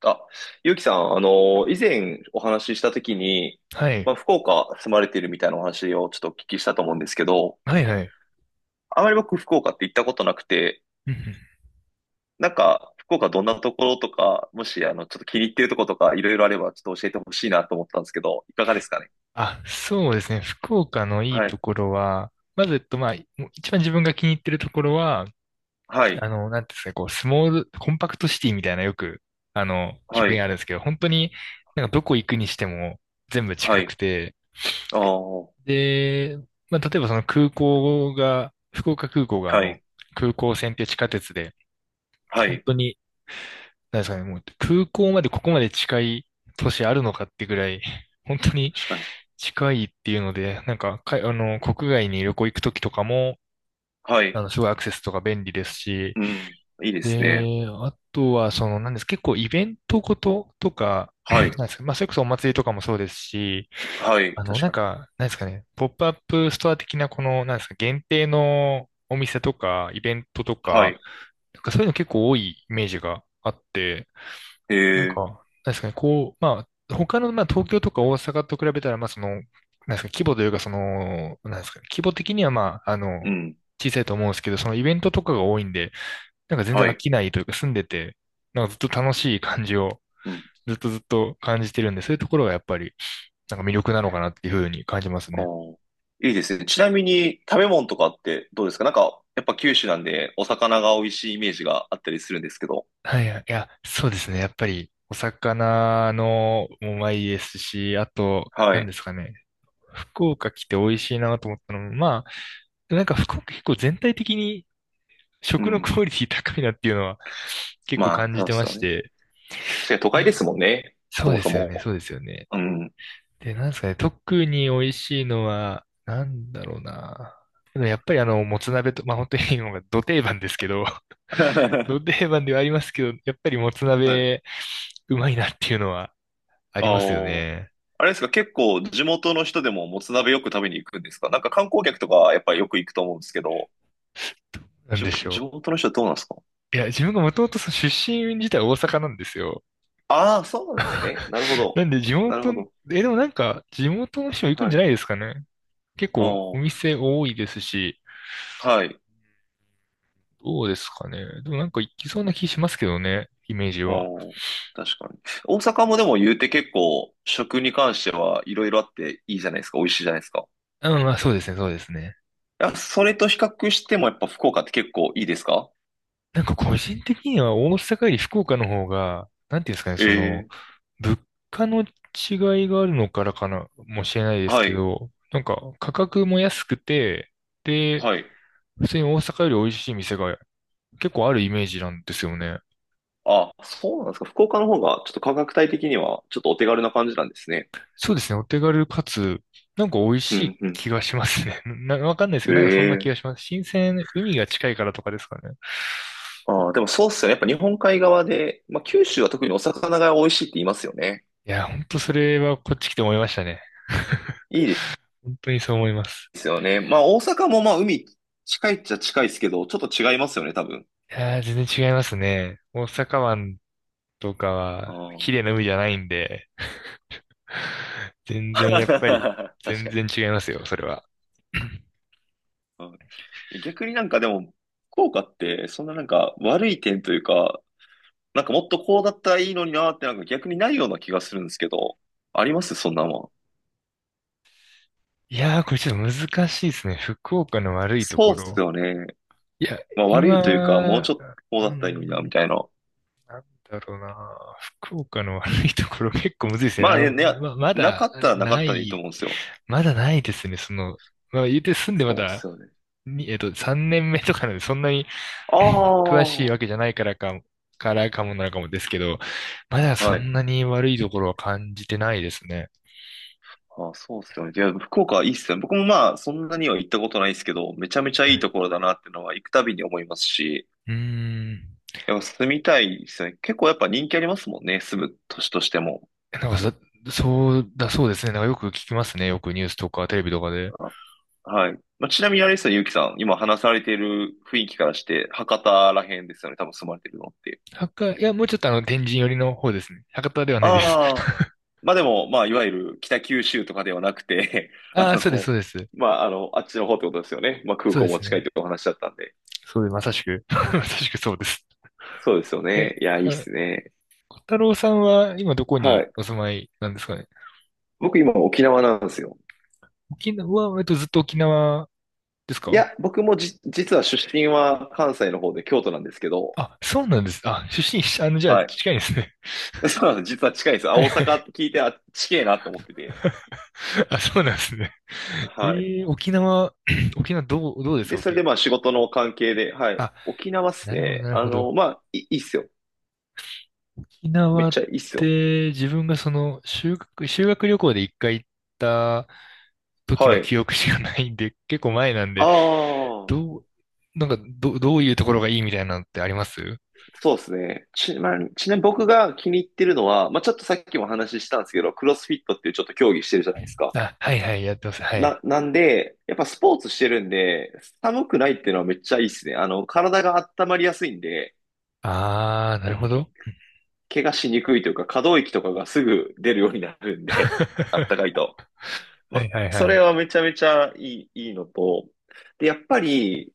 あ、ゆうきさん、以前お話ししたときに、はい。福岡住まれているみたいなお話をちょっとお聞きしたと思うんですけど、はいはい。あまり僕福岡って行ったことなくて、うんうん。福岡どんなところとか、もし、ちょっと気に入ってるところとか、いろいろあれば、ちょっと教えてほしいなと思ったんですけど、いかがですかね。あ、そうですね。福岡のいいはとい、ころは、まず、まあ、もう一番自分が気に入ってるところは、はい、あの、なんていうんですかね、こう、スモール、コンパクトシティみたいなよく、あの、表は現あい、るんですけど、本当になんかどこ行くにしても全部は近くい、て、ああ、はで、まあ、例えばその空港が、福岡空港があの、い、空港線っていう地下鉄で、は本い、当に、なんですかね、もう空港までここまで近い都市あるのかってぐらい、本当に確かに。近いっていうので、なんか、あの、国外に旅行行くときとかも、はあい、の、すごいアクセスとか便利ですし、うん、いいですね。で、あとは、その、なんです、結構イベントごととか、はい、なんですか、まあ、それこそお祭りとかもそうですし、はい、あの、確なんかに。か、なんですかね、ポップアップストア的な、この、なんですか、限定のお店とか、イベントとはか、い、なんかそういうの結構多いイメージがあって、へなんえ、か、確かにこう、まあ、他の、まあ、東京とか大阪と比べたら、まあ、その、なんですか、規模というか、その、なんですか、規模的には、まあ、あうの、ん、小さいと思うんですけど、そのイベントとかが多いんで、なんか全は然飽い。きないというか、住んでて、なんかずっと楽しい感じを、うん、ずっとずっと感じてるんで、そういうところがやっぱり、なんか魅力なのかなっていうふうに感じますあね。ー、いいですね。ちなみに食べ物とかってどうですか？なんか、やっぱ九州なんでお魚が美味しいイメージがあったりするんですけど。はいはい、いや、そうですね。やっぱり、お魚のもうまいですし、あと、は何でい。すかね。福岡来て美味しいなと思ったのも、まあ、なんか福岡結構全体的にう食のん。クオリティ高いなっていうのは結構まあ、感じそうてでますよしね。て。確かに都う会でん。すもんね。そそうもでそすよね、も。そうですよね。うん。で、なんですかね、特に美味しいのは、なんだろうな。でもやっぱりあの、もつ鍋と、まあ本当に今がど定番ですけど、ど 定番ではありますけど、やっぱりもつはい。鍋、うまいなっていうのはあありますよあ、ね。あれですか、結構地元の人でももつ鍋よく食べに行くんですか？なんか観光客とかやっぱりよく行くと思うんですけど、なんでし地ょ元の人はどうなんですか？う。いや、自分がもともとその出身自体大阪なんですよ。ああ、そうなんですね。なるほなど。んで地なる元、ほど。え、でもなんか、地元の人も行くんはじい。ゃないですかね。結あ構おあ、店多いですし、はい。どうですかね。でもなんか行きそうな気しますけどね、イメージうは。ん、確かに。大阪もでも言うて結構食に関してはいろいろあっていいじゃないですか。美味しいじゃないですか。うん、まあそうですね、そうですね。いや、それと比較してもやっぱ福岡って結構いいですか？なんか個人的には大阪より福岡の方が、なんていうんですかね、その、ええ、物価の違いがあるのからかな、もしれないですはけい、ど、なんか価格も安くて、で、はい。普通に大阪より美味しい店が結構あるイメージなんですよね。あ、そうなんですか。福岡の方がちょっと価格帯的にはちょっとお手軽な感じなんですね。そうですね。お手軽かつ、なんか美味うしん、いうん。気がしますね。わかんないですけど、なんかそんな気えがえ、します。新鮮、海が近いからとかですかね。ああ、でもそうっすよね。やっぱ日本海側で、まあ九州は特にお魚が美味しいって言いますよね。いや、ほんとそれはこっち来て思いましたね。いいで本当にそう思います。すよね。まあ大阪もまあ海近いっちゃ近いですけど、ちょっと違いますよね、多分。いやー、全然違いますね。大阪湾とかあは綺麗あ。な海じゃないんで、全 然やっ確ぱり、全かに。然違いますよ、それは。うん、逆になんかでも、効果ってそんななんか悪い点というか、なんかもっとこうだったらいいのになーってなんか逆にないような気がするんですけど、ありますそんなもん。いやー、これちょっと難しいですね。福岡の悪いとそこうっすろ。よね。いや、まあ悪いというか、もう今、ちょっとこううだったらいいのにな、ん、みたいな。なんだろうな。福岡の悪いところ結構むずいですね。まああね、の、ね、なかったらなかなったでいいとい、思うんですよ。まだないですね。その、まあ、言うて住んでまそうっだ、すよね。にえっと、3年目とかなんで、そんなに ああ、詳しいはわけじゃないからか、もなのかもですけど、まだそんい。なに悪いところは感じてないですね。ああ、そうっすよね。いや、福岡いいっすよね。僕もまあ、そんなには行ったことないですけど、めちゃめちゃはいいい。ところだなっていうのは行くたびに思いますし、うーん。いや、住みたいですよね。結構やっぱ人気ありますもんね。住む都市としても。なんかそうだ、そうですね。なんかよく聞きますね。よくニュースとかテレビとかで。あ、はい。まあ、ちなみにあれですよね、ゆうきさん。今話されている雰囲気からして、博多ら辺ですよね。多分住まれてるのって。博多、いや、もうちょっとあの、天神寄りの方ですね。博多ではないです。ああ。まあでも、まあ、いわゆる北九州とかではなくて、あああ、そうです、その、うです。まあ、あっちの方ってことですよね。まあ、空そう港でもす近いっね。てお話だったんで。そうです。まさしく。まさしくそうです。そうですよえ、ね。いや、いいっあ、すね。小太郎さんは今どこはにい。お住まいなんですかね。僕今沖縄なんですよ。沖縄は、ずっと沖縄ですいか？や、僕もじ、実は出身は関西の方で京都なんですけど、あ、そうなんです。あ、出身、あの、じゃあ、はい。近いですね。そうなの、実は近いんです。あ、はい大は阪っい。て聞いて、あ、近えなと思ってて。あ、そうなんですね。はい。沖縄、沖縄どう、どうですで、それでまあ仕事の関係で、はい。あ、沖縄っすなるほど、ね。なるほど。まあ、いいっすよ。沖めっ縄っちゃいいっすよ。て自分がその修学旅行で一回行った時はのい。記憶しかないんで、結構前なんあで、あ、どう、なんかどういうところがいいみたいなのってあります？そうですね。まあ、ちなみに僕が気に入ってるのは、まあ、ちょっとさっきもお話ししたんですけど、クロスフィットっていうちょっと競技してるじゃないですか。あ、はいはい、やってます。はい。なんで、やっぱスポーツしてるんで、寒くないっていうのはめっちゃいいっすね。体が温まりやすいんで、あー、なるほど。怪我しにくいというか、可動域とかがすぐ出るようになるんで、あったかい と。まはいあ、はいそはれはい。めちゃめちゃいい、いいのと、で、やっぱり、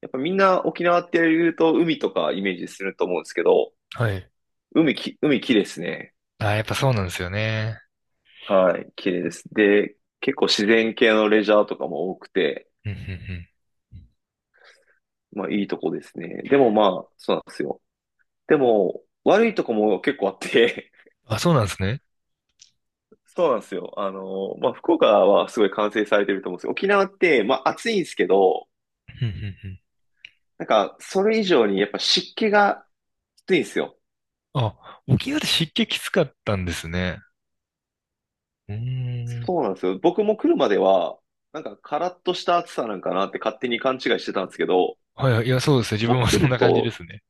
やっぱみんな沖縄って言うと海とかイメージすると思うんですけど、はい。海綺麗ですね。あー、やっぱそうなんですよね。はい、綺麗です。で、結構自然系のレジャーとかも多くて、うんうんまあいいとこですね。でもまあ、そうなんですよ。でも、悪いとこも結構あって、うん。あ、そうなんですね。そうなんですよ。まあ、福岡はすごい完成されてると思うんですよ。沖縄って、まあ、暑いんですけど、うんうんなんか、それ以上にやっぱ湿気がきついんですよ。うん。あ、沖縄って湿気きつかったんですね。うーん。そうなんですよ。僕も来るまでは、なんか、カラッとした暑さなんかなって勝手に勘違いしてたんですけど、はいはい、いや、そうですね。自も分うも来そんるな感じでと、すね。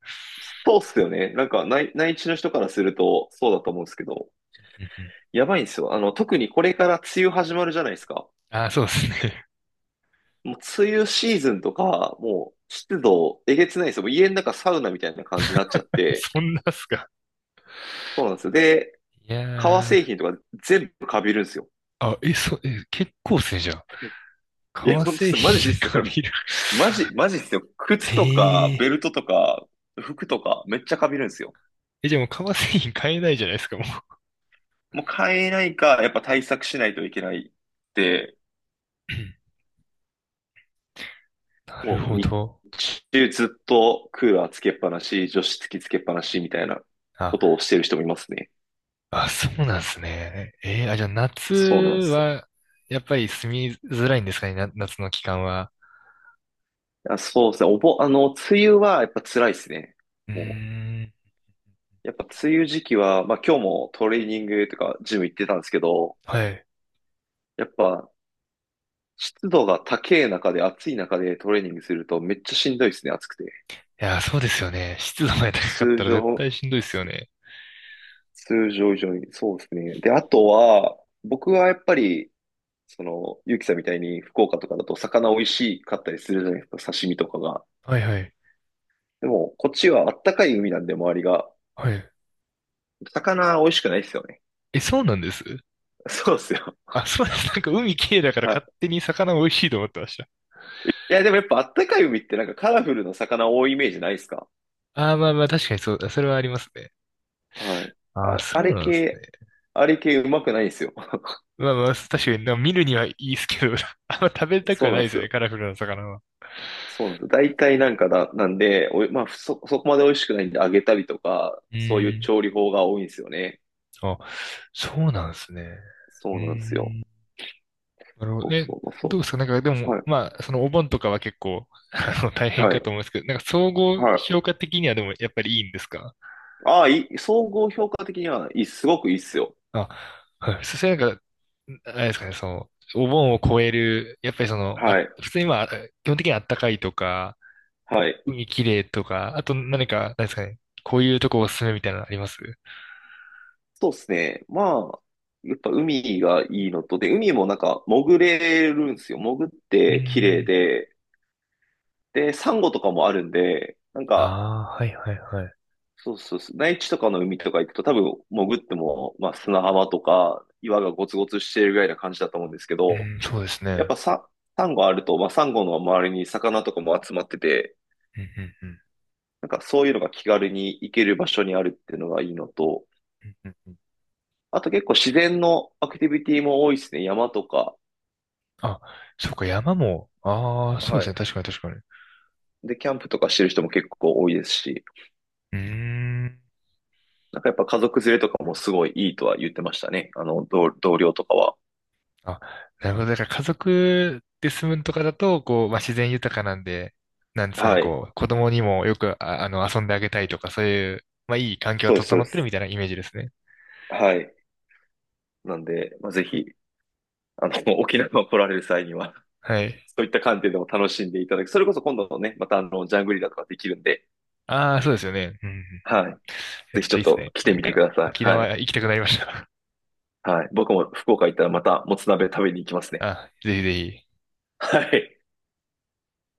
そうっすよね。なんか内地の人からすると、そうだと思うんですけど、うんうん。やばいんですよ。特にこれから梅雨始まるじゃないですか。あー、そうですね。もう、梅雨シーズンとか、もう、湿度、えげつないですよ。もう家の中サウナみたいな感じになっちゃっ て、そんなっすか。そうなんですよ。で、いや革製ー、品とか全部カビるんですよ。あ、え、え、結構っすね、じゃあ。いや、革ほんとっ製す、マジっ品すよ。がこれ、見る。マジ、マジっすよ。靴とか、ベルええトとか、服とか、めっちゃかびるんですよ。え、じゃあもう革製品買えないじゃないですか、もう。もう買えないか、やっぱ対策しないといけないって、なるもうほ日ど。中ずっとクーラーつけっぱなし、除湿機つけっぱなしみたいなことあ、をしてる人もいますね。あ、そうなんですね。あ、じゃあ夏そうなんです。は、やっぱり住みづらいんですかね、夏の期間は。あ、そうですね。おぼ、あの、梅雨はやっぱ辛いですね。うーもん、う、やっぱ梅雨時期は、まあ今日もトレーニングとかジム行ってたんですけど、はい。やっぱ、湿度が高い中で、暑い中でトレーニングするとめっちゃしんどいですね、暑くて。いや、そうですよね。湿度が高かっ通たら絶常、対しんどいですつよね。通常以上に、そうですね。で、あとは、僕はやっぱり、その、ゆうきさんみたいに福岡とかだと魚美味しかったりするじゃないですか、刺身とかが。はいはい。でも、こっちはあったかい海なんで、周りが。はい。魚美味しくないですよね。え、そうなんです？ そうですよ。あ、そうです。なんか海綺麗だからはい。勝手に魚美味しいと思ってました。いや、でもやっぱあったかい海ってなんかカラフルな魚多いイメージないですか？ああ、まあまあ確かにそうだ。それはありますね。はい。ああ、あ、そうなんですね。あれ系うまくないんですよ。まあまあ、確かになんか見るにはいいですけど、あんま食べたくそはうななんいでですすよね、よ。カラフルな魚は。そうなんですよ。大体なんかだ、なんで、おい、まあ、そこまで美味しくないんで揚げたりとか、うそういうーん。調理法が多いんですよね。あ、そうなんですね。うそうなんですよ。ーん。なるほそど。うえ、そう、どそうですかなんかでう。も、はい、まあ、そのお盆とかは結構、あの、大変はかい、と思うんですけど、なんか総合はい。評価的にはでもやっぱりいいんですか？ああ、いい、総合評価的には、いい、すごくいいっすよ。あ、はい。それなんか、あれですかね、その、お盆を超える、やっぱりその、あ、はい、普通にまあ、基本的にあったかいとか、はい。海きれいとか、あと何か、何ですかね、こういうとこおすすめみたいなのあります？うそうですね。まあ、やっぱ海がいいのと、で、海もなんか潜れるんですよ。潜っーて綺麗ん。で、で、サンゴとかもあるんで、なんか、ああ、はいはいはい。そうそうそう。内地とかの海とか行くと多分潜っても、まあ、砂浜とか岩がゴツゴツしているぐらいな感じだと思うんですけうど、ん、そうですね。やっぱうサ、サンゴあると、まあ、サンゴの周りに魚とかも集まってて、ん、うん、うん。なんかそういうのが気軽に行ける場所にあるっていうのがいいのと、うんうんうん。あと結構自然のアクティビティも多いですね。山とか、あ、そうか、山も、ああ、そうではすね、い。確かに確かに。うで、キャンプとかしてる人も結構多いですし、ーん。なんかやっぱ家族連れとかもすごいいいとは言ってましたね。あの、同僚とかは。あ、なるほど。だから家族で住むとかだと、こう、まあ、自然豊かなんで、なんですかね、はい。こう、子供にもよく、あ、あの、遊んであげたいとか、そういう、まあ、いい環境がそうです、そ整うっでてるす。みたいなイメージですね。はい。なんで、まあ、ぜひ沖縄に来られる際には、はい。そういった観点でも楽しんでいただき、それこそ今度のね、またあの、ジャングリラとかできるんで、ああ、そうですよね。うんうん。いはい。や、ぜちょっひちとょいっいですとね。来なてんみてか、くださ沖い。はい。縄行きたくなりました。はい。僕も福岡行ったらまたもつ鍋食べに行きます ね。あ、ぜひぜひ。はい。